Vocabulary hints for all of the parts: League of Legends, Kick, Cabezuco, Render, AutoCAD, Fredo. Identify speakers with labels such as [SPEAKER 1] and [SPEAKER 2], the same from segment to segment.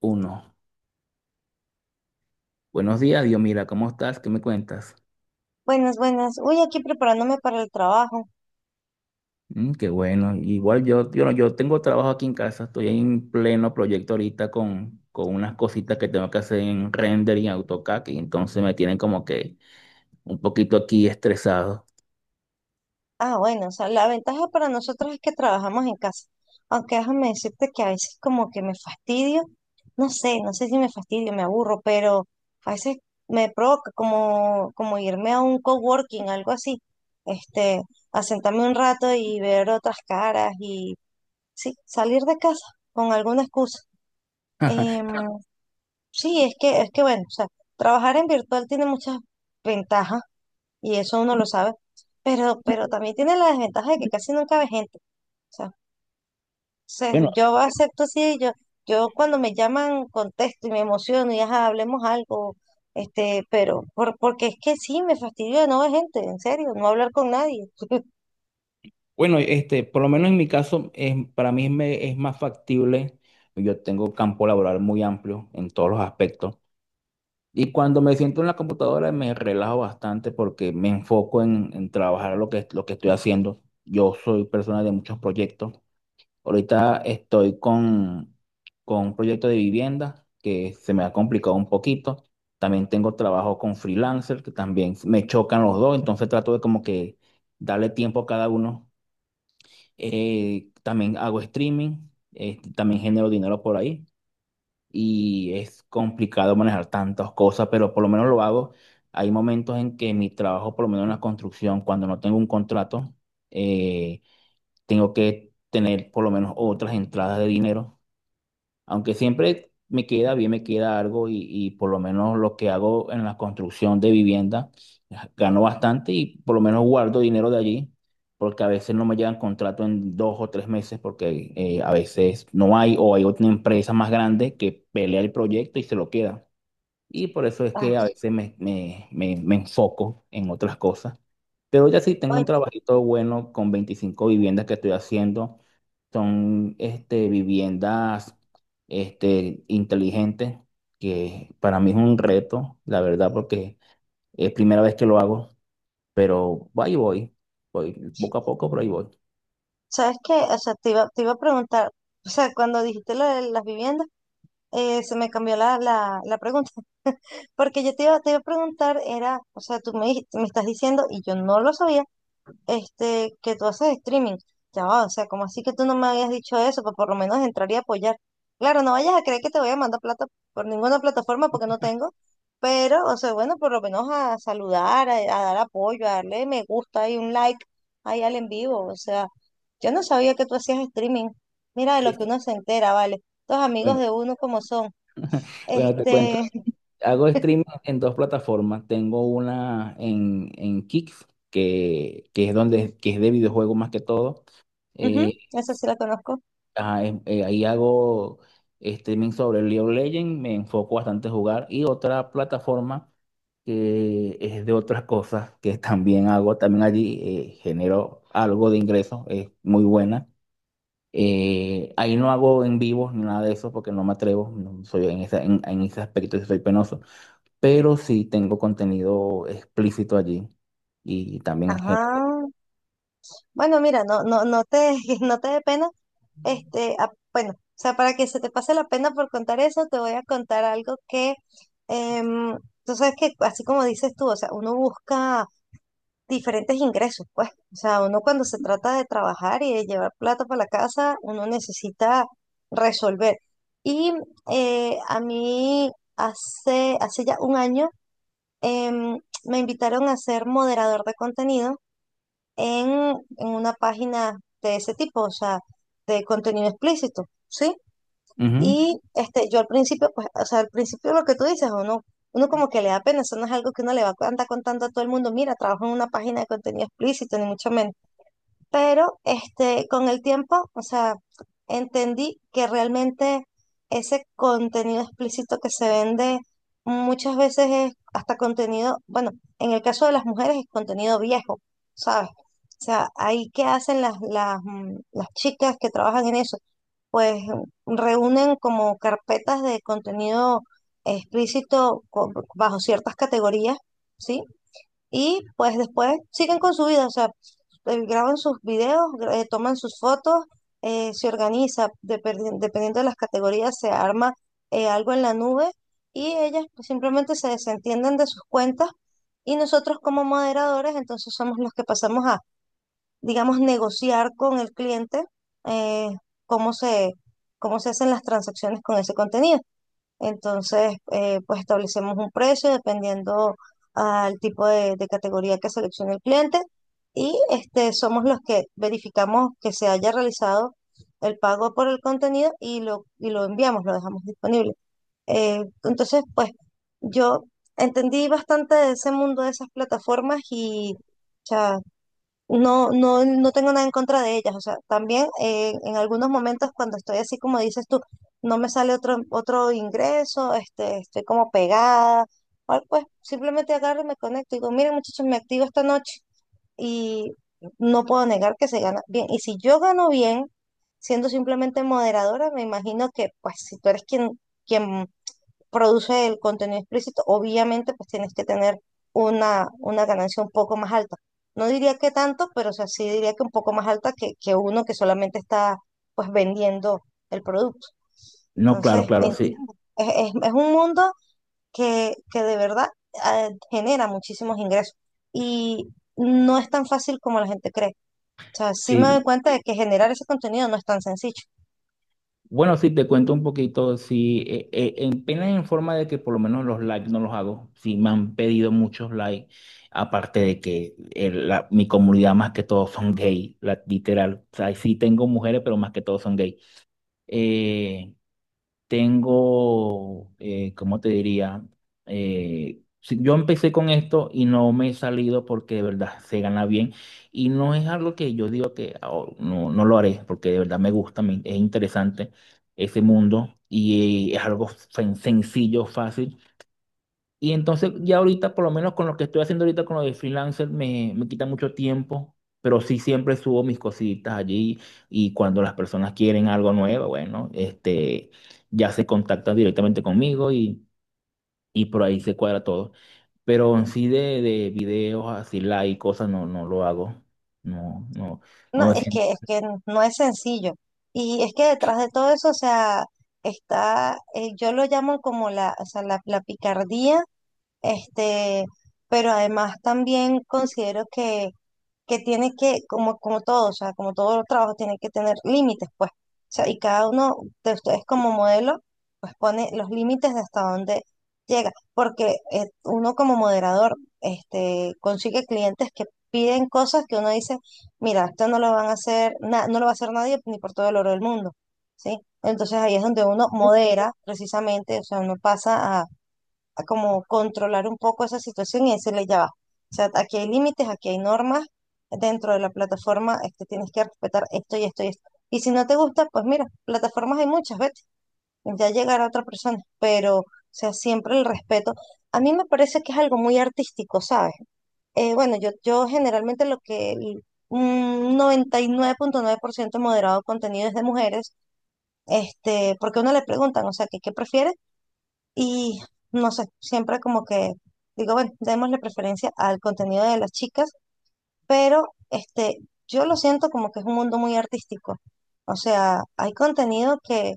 [SPEAKER 1] Uno. Buenos días, Dios, mira, ¿cómo estás? ¿Qué me cuentas?
[SPEAKER 2] Buenas, buenas. Uy, aquí preparándome para el trabajo.
[SPEAKER 1] Mm, qué bueno. Igual yo, yo, no- yo tengo trabajo aquí en casa, estoy en pleno proyecto ahorita con unas cositas que tengo que hacer en Render y en AutoCAD, y entonces me tienen como que un poquito aquí estresado.
[SPEAKER 2] Ah, bueno, o sea, la ventaja para nosotros es que trabajamos en casa. Aunque déjame decirte que a veces como que me fastidio. No sé si me fastidio, me aburro, pero a veces me provoca como, como irme a un coworking, algo así. Este, a sentarme un rato y ver otras caras y sí, salir de casa con alguna excusa. Em, sí, es que bueno, o sea, trabajar en virtual tiene muchas ventajas y eso uno lo sabe, pero también tiene la desventaja de que casi nunca ve gente. O sea,
[SPEAKER 1] Bueno,
[SPEAKER 2] yo acepto así, yo cuando me llaman contesto y me emociono y ajá, hablemos algo, pero porque es que sí, me fastidio de no ver gente, en serio, no hablar con nadie.
[SPEAKER 1] bueno, este, por lo menos en mi caso, para mí es más factible. Yo tengo campo laboral muy amplio en todos los aspectos. Y cuando me siento en la computadora me relajo bastante porque me enfoco en trabajar lo que estoy haciendo. Yo soy persona de muchos proyectos. Ahorita estoy con, con un proyecto de vivienda que se me ha complicado un poquito. También tengo trabajo con freelancer que también me chocan los dos. Entonces trato de como que darle tiempo a cada uno. También hago streaming, también genero dinero por ahí y es complicado manejar tantas cosas, pero por lo menos lo hago. Hay momentos en que mi trabajo, por lo menos en la construcción, cuando no tengo un contrato, eh, tengo que tener por lo menos otras entradas de dinero, aunque siempre me queda bien, me queda algo y por lo menos lo que hago en la construcción de vivienda, ah, gano bastante y por lo menos guardo dinero de allí, porque a veces no me llegan contrato en 2 o 3 meses, porque a veces no hay o hay otra empresa más grande que pelea el proyecto y se lo queda. Y por eso es
[SPEAKER 2] Ay,
[SPEAKER 1] que a veces me enfoco en otras cosas, pero ya sí tengo un
[SPEAKER 2] oye,
[SPEAKER 1] trabajito bueno con 25 viviendas que estoy haciendo. Son este, viviendas este, inteligentes, que para mí es un reto, la verdad, porque es primera vez que lo hago, pero ahí voy, voy poco a poco, pero ahí voy.
[SPEAKER 2] ¿sabes qué? O sea, te iba a preguntar, o sea, cuando dijiste lo de las viviendas, se me cambió la pregunta, porque yo te iba a preguntar, era, o sea, me estás diciendo, y yo no lo sabía, que tú haces streaming. Ya va, o sea, como así que tú no me habías dicho eso? Pues por lo menos entraría a apoyar. Claro, no vayas a creer que te voy a mandar plata por ninguna plataforma porque no tengo, pero, o sea, bueno, por lo menos a saludar, a dar apoyo, a darle me gusta y un like ahí al en vivo. O sea, yo no sabía que tú hacías streaming. Mira de
[SPEAKER 1] Sí.
[SPEAKER 2] lo que uno se entera, ¿vale? Los amigos
[SPEAKER 1] Bueno,
[SPEAKER 2] de uno como son.
[SPEAKER 1] bueno, te cuento.
[SPEAKER 2] Este,
[SPEAKER 1] Hago streaming en dos plataformas. Tengo una en Kick, que es de videojuegos más que todo. Eh,
[SPEAKER 2] ujú, esa sí la conozco.
[SPEAKER 1] Ajá, ahí hago streaming sobre League of Legends, me enfoco bastante a jugar y otra plataforma que es de otras cosas que también hago, también allí genero algo de ingresos, es muy buena. Ahí no hago en vivo ni nada de eso porque no me atrevo, no soy en en ese aspecto sí soy penoso, pero sí tengo contenido explícito allí y también genero.
[SPEAKER 2] Ajá. Bueno, mira, no, no, no te, no te dé pena. Bueno, o sea, para que se te pase la pena por contar eso, te voy a contar algo que, em, tú sabes que así como dices tú, o sea, uno busca diferentes ingresos, pues, o sea, uno cuando se trata de trabajar y de llevar plata para la casa, uno necesita resolver. Y a mí hace ya un año, em, me invitaron a ser moderador de contenido en, en una página de ese tipo, o sea, de contenido explícito. ¿Sí?
[SPEAKER 1] Ujú.
[SPEAKER 2] Y yo al principio, pues, o sea, al principio lo que tú dices, uno, uno como que le da pena, eso no es algo que uno le va a andar contando a todo el mundo, mira, trabajo en una página de contenido explícito, ni mucho menos, pero con el tiempo, o sea, entendí que realmente ese contenido explícito que se vende muchas veces es hasta contenido, bueno, en el caso de las mujeres es contenido viejo, ¿sabes? O sea, ahí qué hacen las, las chicas que trabajan en eso, pues reúnen como carpetas de contenido explícito bajo ciertas categorías, ¿sí? Y pues después siguen con su vida, o sea, graban sus videos, toman sus fotos, se organiza, dependiendo de las categorías, se arma algo en la nube y ellas pues, simplemente se desentienden de sus cuentas y nosotros como moderadores entonces somos los que pasamos a, digamos, negociar con el cliente, eh, cómo se, cómo se hacen las transacciones con ese contenido. Entonces, pues establecemos un precio dependiendo al tipo de categoría que seleccione el cliente y somos los que verificamos que se haya realizado el pago por el contenido y lo enviamos, lo dejamos disponible. Entonces, pues yo entendí bastante de ese mundo de esas plataformas y no, no, no tengo nada en contra de ellas. O sea, también en algunos momentos cuando estoy así como dices tú, no me sale otro ingreso, estoy como pegada, pues simplemente agarro y me conecto y digo, miren muchachos, me activo esta noche y no puedo negar que se gana bien. Y si yo gano bien, siendo simplemente moderadora, me imagino que pues si tú eres quien, quien produce el contenido explícito, obviamente pues tienes que tener una ganancia un poco más alta. No diría que tanto, pero o sea, sí diría que un poco más alta que uno que solamente está pues vendiendo el producto.
[SPEAKER 1] No, claro,
[SPEAKER 2] Entonces,
[SPEAKER 1] claro, sí,
[SPEAKER 2] entiendo. Es, es un mundo que de verdad genera muchísimos ingresos y no es tan fácil como la gente cree. O sea, sí me doy
[SPEAKER 1] sí.
[SPEAKER 2] cuenta de que generar ese contenido no es tan sencillo.
[SPEAKER 1] Bueno, sí, te cuento un poquito. Sí, en pena en forma de que por lo menos los likes no los hago. Sí, me han pedido muchos likes. Aparte de que mi comunidad más que todo son gay, la- literal. O sea, sí tengo mujeres, pero más que todo son gay. Eh, tengo, ¿cómo te diría? Yo empecé con esto y no me he salido porque de verdad se gana bien y no es algo que yo digo que "Oh, no, no lo haré", porque de verdad me gusta, es interesante ese mundo y es algo sencillo, fácil. Y entonces ya ahorita, por lo menos con lo que estoy haciendo ahorita con lo de freelancer, me quita mucho tiempo, pero sí siempre subo mis cositas allí y cuando las personas quieren algo nuevo, bueno, este, ya se contactan directamente conmigo y por ahí se cuadra todo. Pero en sí de videos así live y cosas no, no lo hago. No, no,
[SPEAKER 2] No,
[SPEAKER 1] no me siento.
[SPEAKER 2] es que no es sencillo. Y es que detrás de todo eso, o sea, está, yo lo llamo como la, o sea, la picardía, este, pero además también considero que tiene que, como, como todo, o sea, como todos los trabajos, tienen que tener límites, pues. O sea, y cada uno de ustedes como modelo, pues pone los límites de hasta dónde llega, porque uno como moderador, consigue clientes que piden cosas que uno dice, mira, esto no lo van a hacer, no lo va a hacer nadie ni por todo el oro del mundo, ¿sí? Entonces ahí es donde uno modera precisamente, o sea, uno pasa a como controlar un poco esa situación y decirle ya va. O sea, aquí hay límites, aquí hay normas, dentro de la plataforma tienes que respetar esto y esto y esto. Y si no te gusta, pues mira, plataformas hay muchas, vete, ya llegará otra persona, pero, o sea, siempre el respeto. A mí me parece que es algo muy artístico, ¿sabes? Bueno, yo generalmente lo que un 99,9% moderado de contenido es de mujeres, porque a uno le preguntan, o sea, ¿que qué prefieres? Y no sé, siempre como que digo, bueno, démosle preferencia al contenido de las chicas, pero yo lo siento como que es un mundo muy artístico. O sea, hay contenido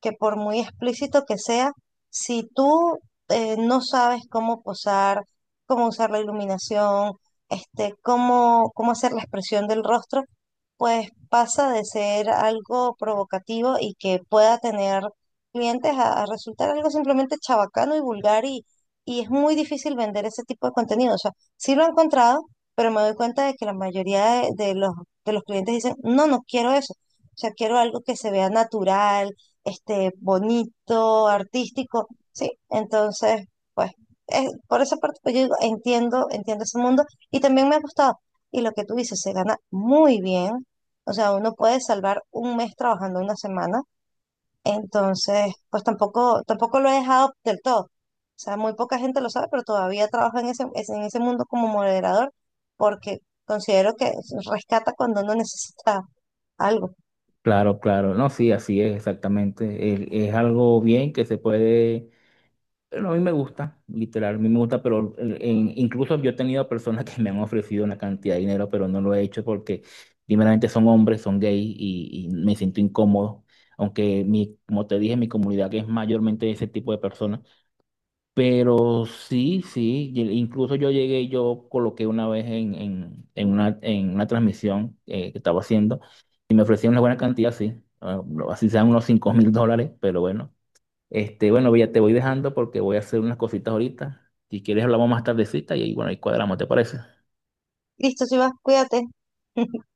[SPEAKER 2] que por muy explícito que sea, si tú no sabes cómo posar, cómo usar la iluminación, cómo, cómo hacer la expresión del rostro, pues pasa de ser algo provocativo y que pueda tener clientes a resultar algo simplemente chabacano y vulgar y es muy difícil vender ese tipo de contenido. O sea, sí lo he encontrado, pero me doy cuenta de que la mayoría de los clientes dicen, no, no quiero eso. O sea, quiero algo que se vea natural, bonito, artístico, ¿sí? Entonces, pues, por esa parte, pues yo digo, entiendo, entiendo ese mundo y también me ha gustado. Y lo que tú dices, se gana muy bien. O sea, uno puede salvar un mes trabajando una semana, entonces, pues tampoco, tampoco lo he dejado del todo. O sea, muy poca gente lo sabe, pero todavía trabajo en ese, en ese mundo como moderador porque considero que rescata cuando uno necesita algo.
[SPEAKER 1] Claro, claro. No, sí, así es exactamente. Es algo bien que se puede. Pero a mí me gusta, literal, a mí me gusta, pero incluso yo he tenido personas que me han ofrecido una cantidad de dinero, pero no lo he hecho porque primeramente son hombres, son gays y me siento incómodo, aunque mi, como te dije, mi comunidad que es mayormente de ese tipo de personas, pero sí, sí, incluso yo llegué, y yo coloqué una vez en una transmisión que estaba haciendo y me ofrecieron una buena cantidad, sí, ah, así sean unos $5.000, pero bueno. Este, bueno, ya te voy dejando porque voy a hacer unas cositas ahorita. Si quieres hablamos más tardecita y ahí, bueno, ahí cuadramos, ¿te parece?
[SPEAKER 2] Listo, si vas, cuídate.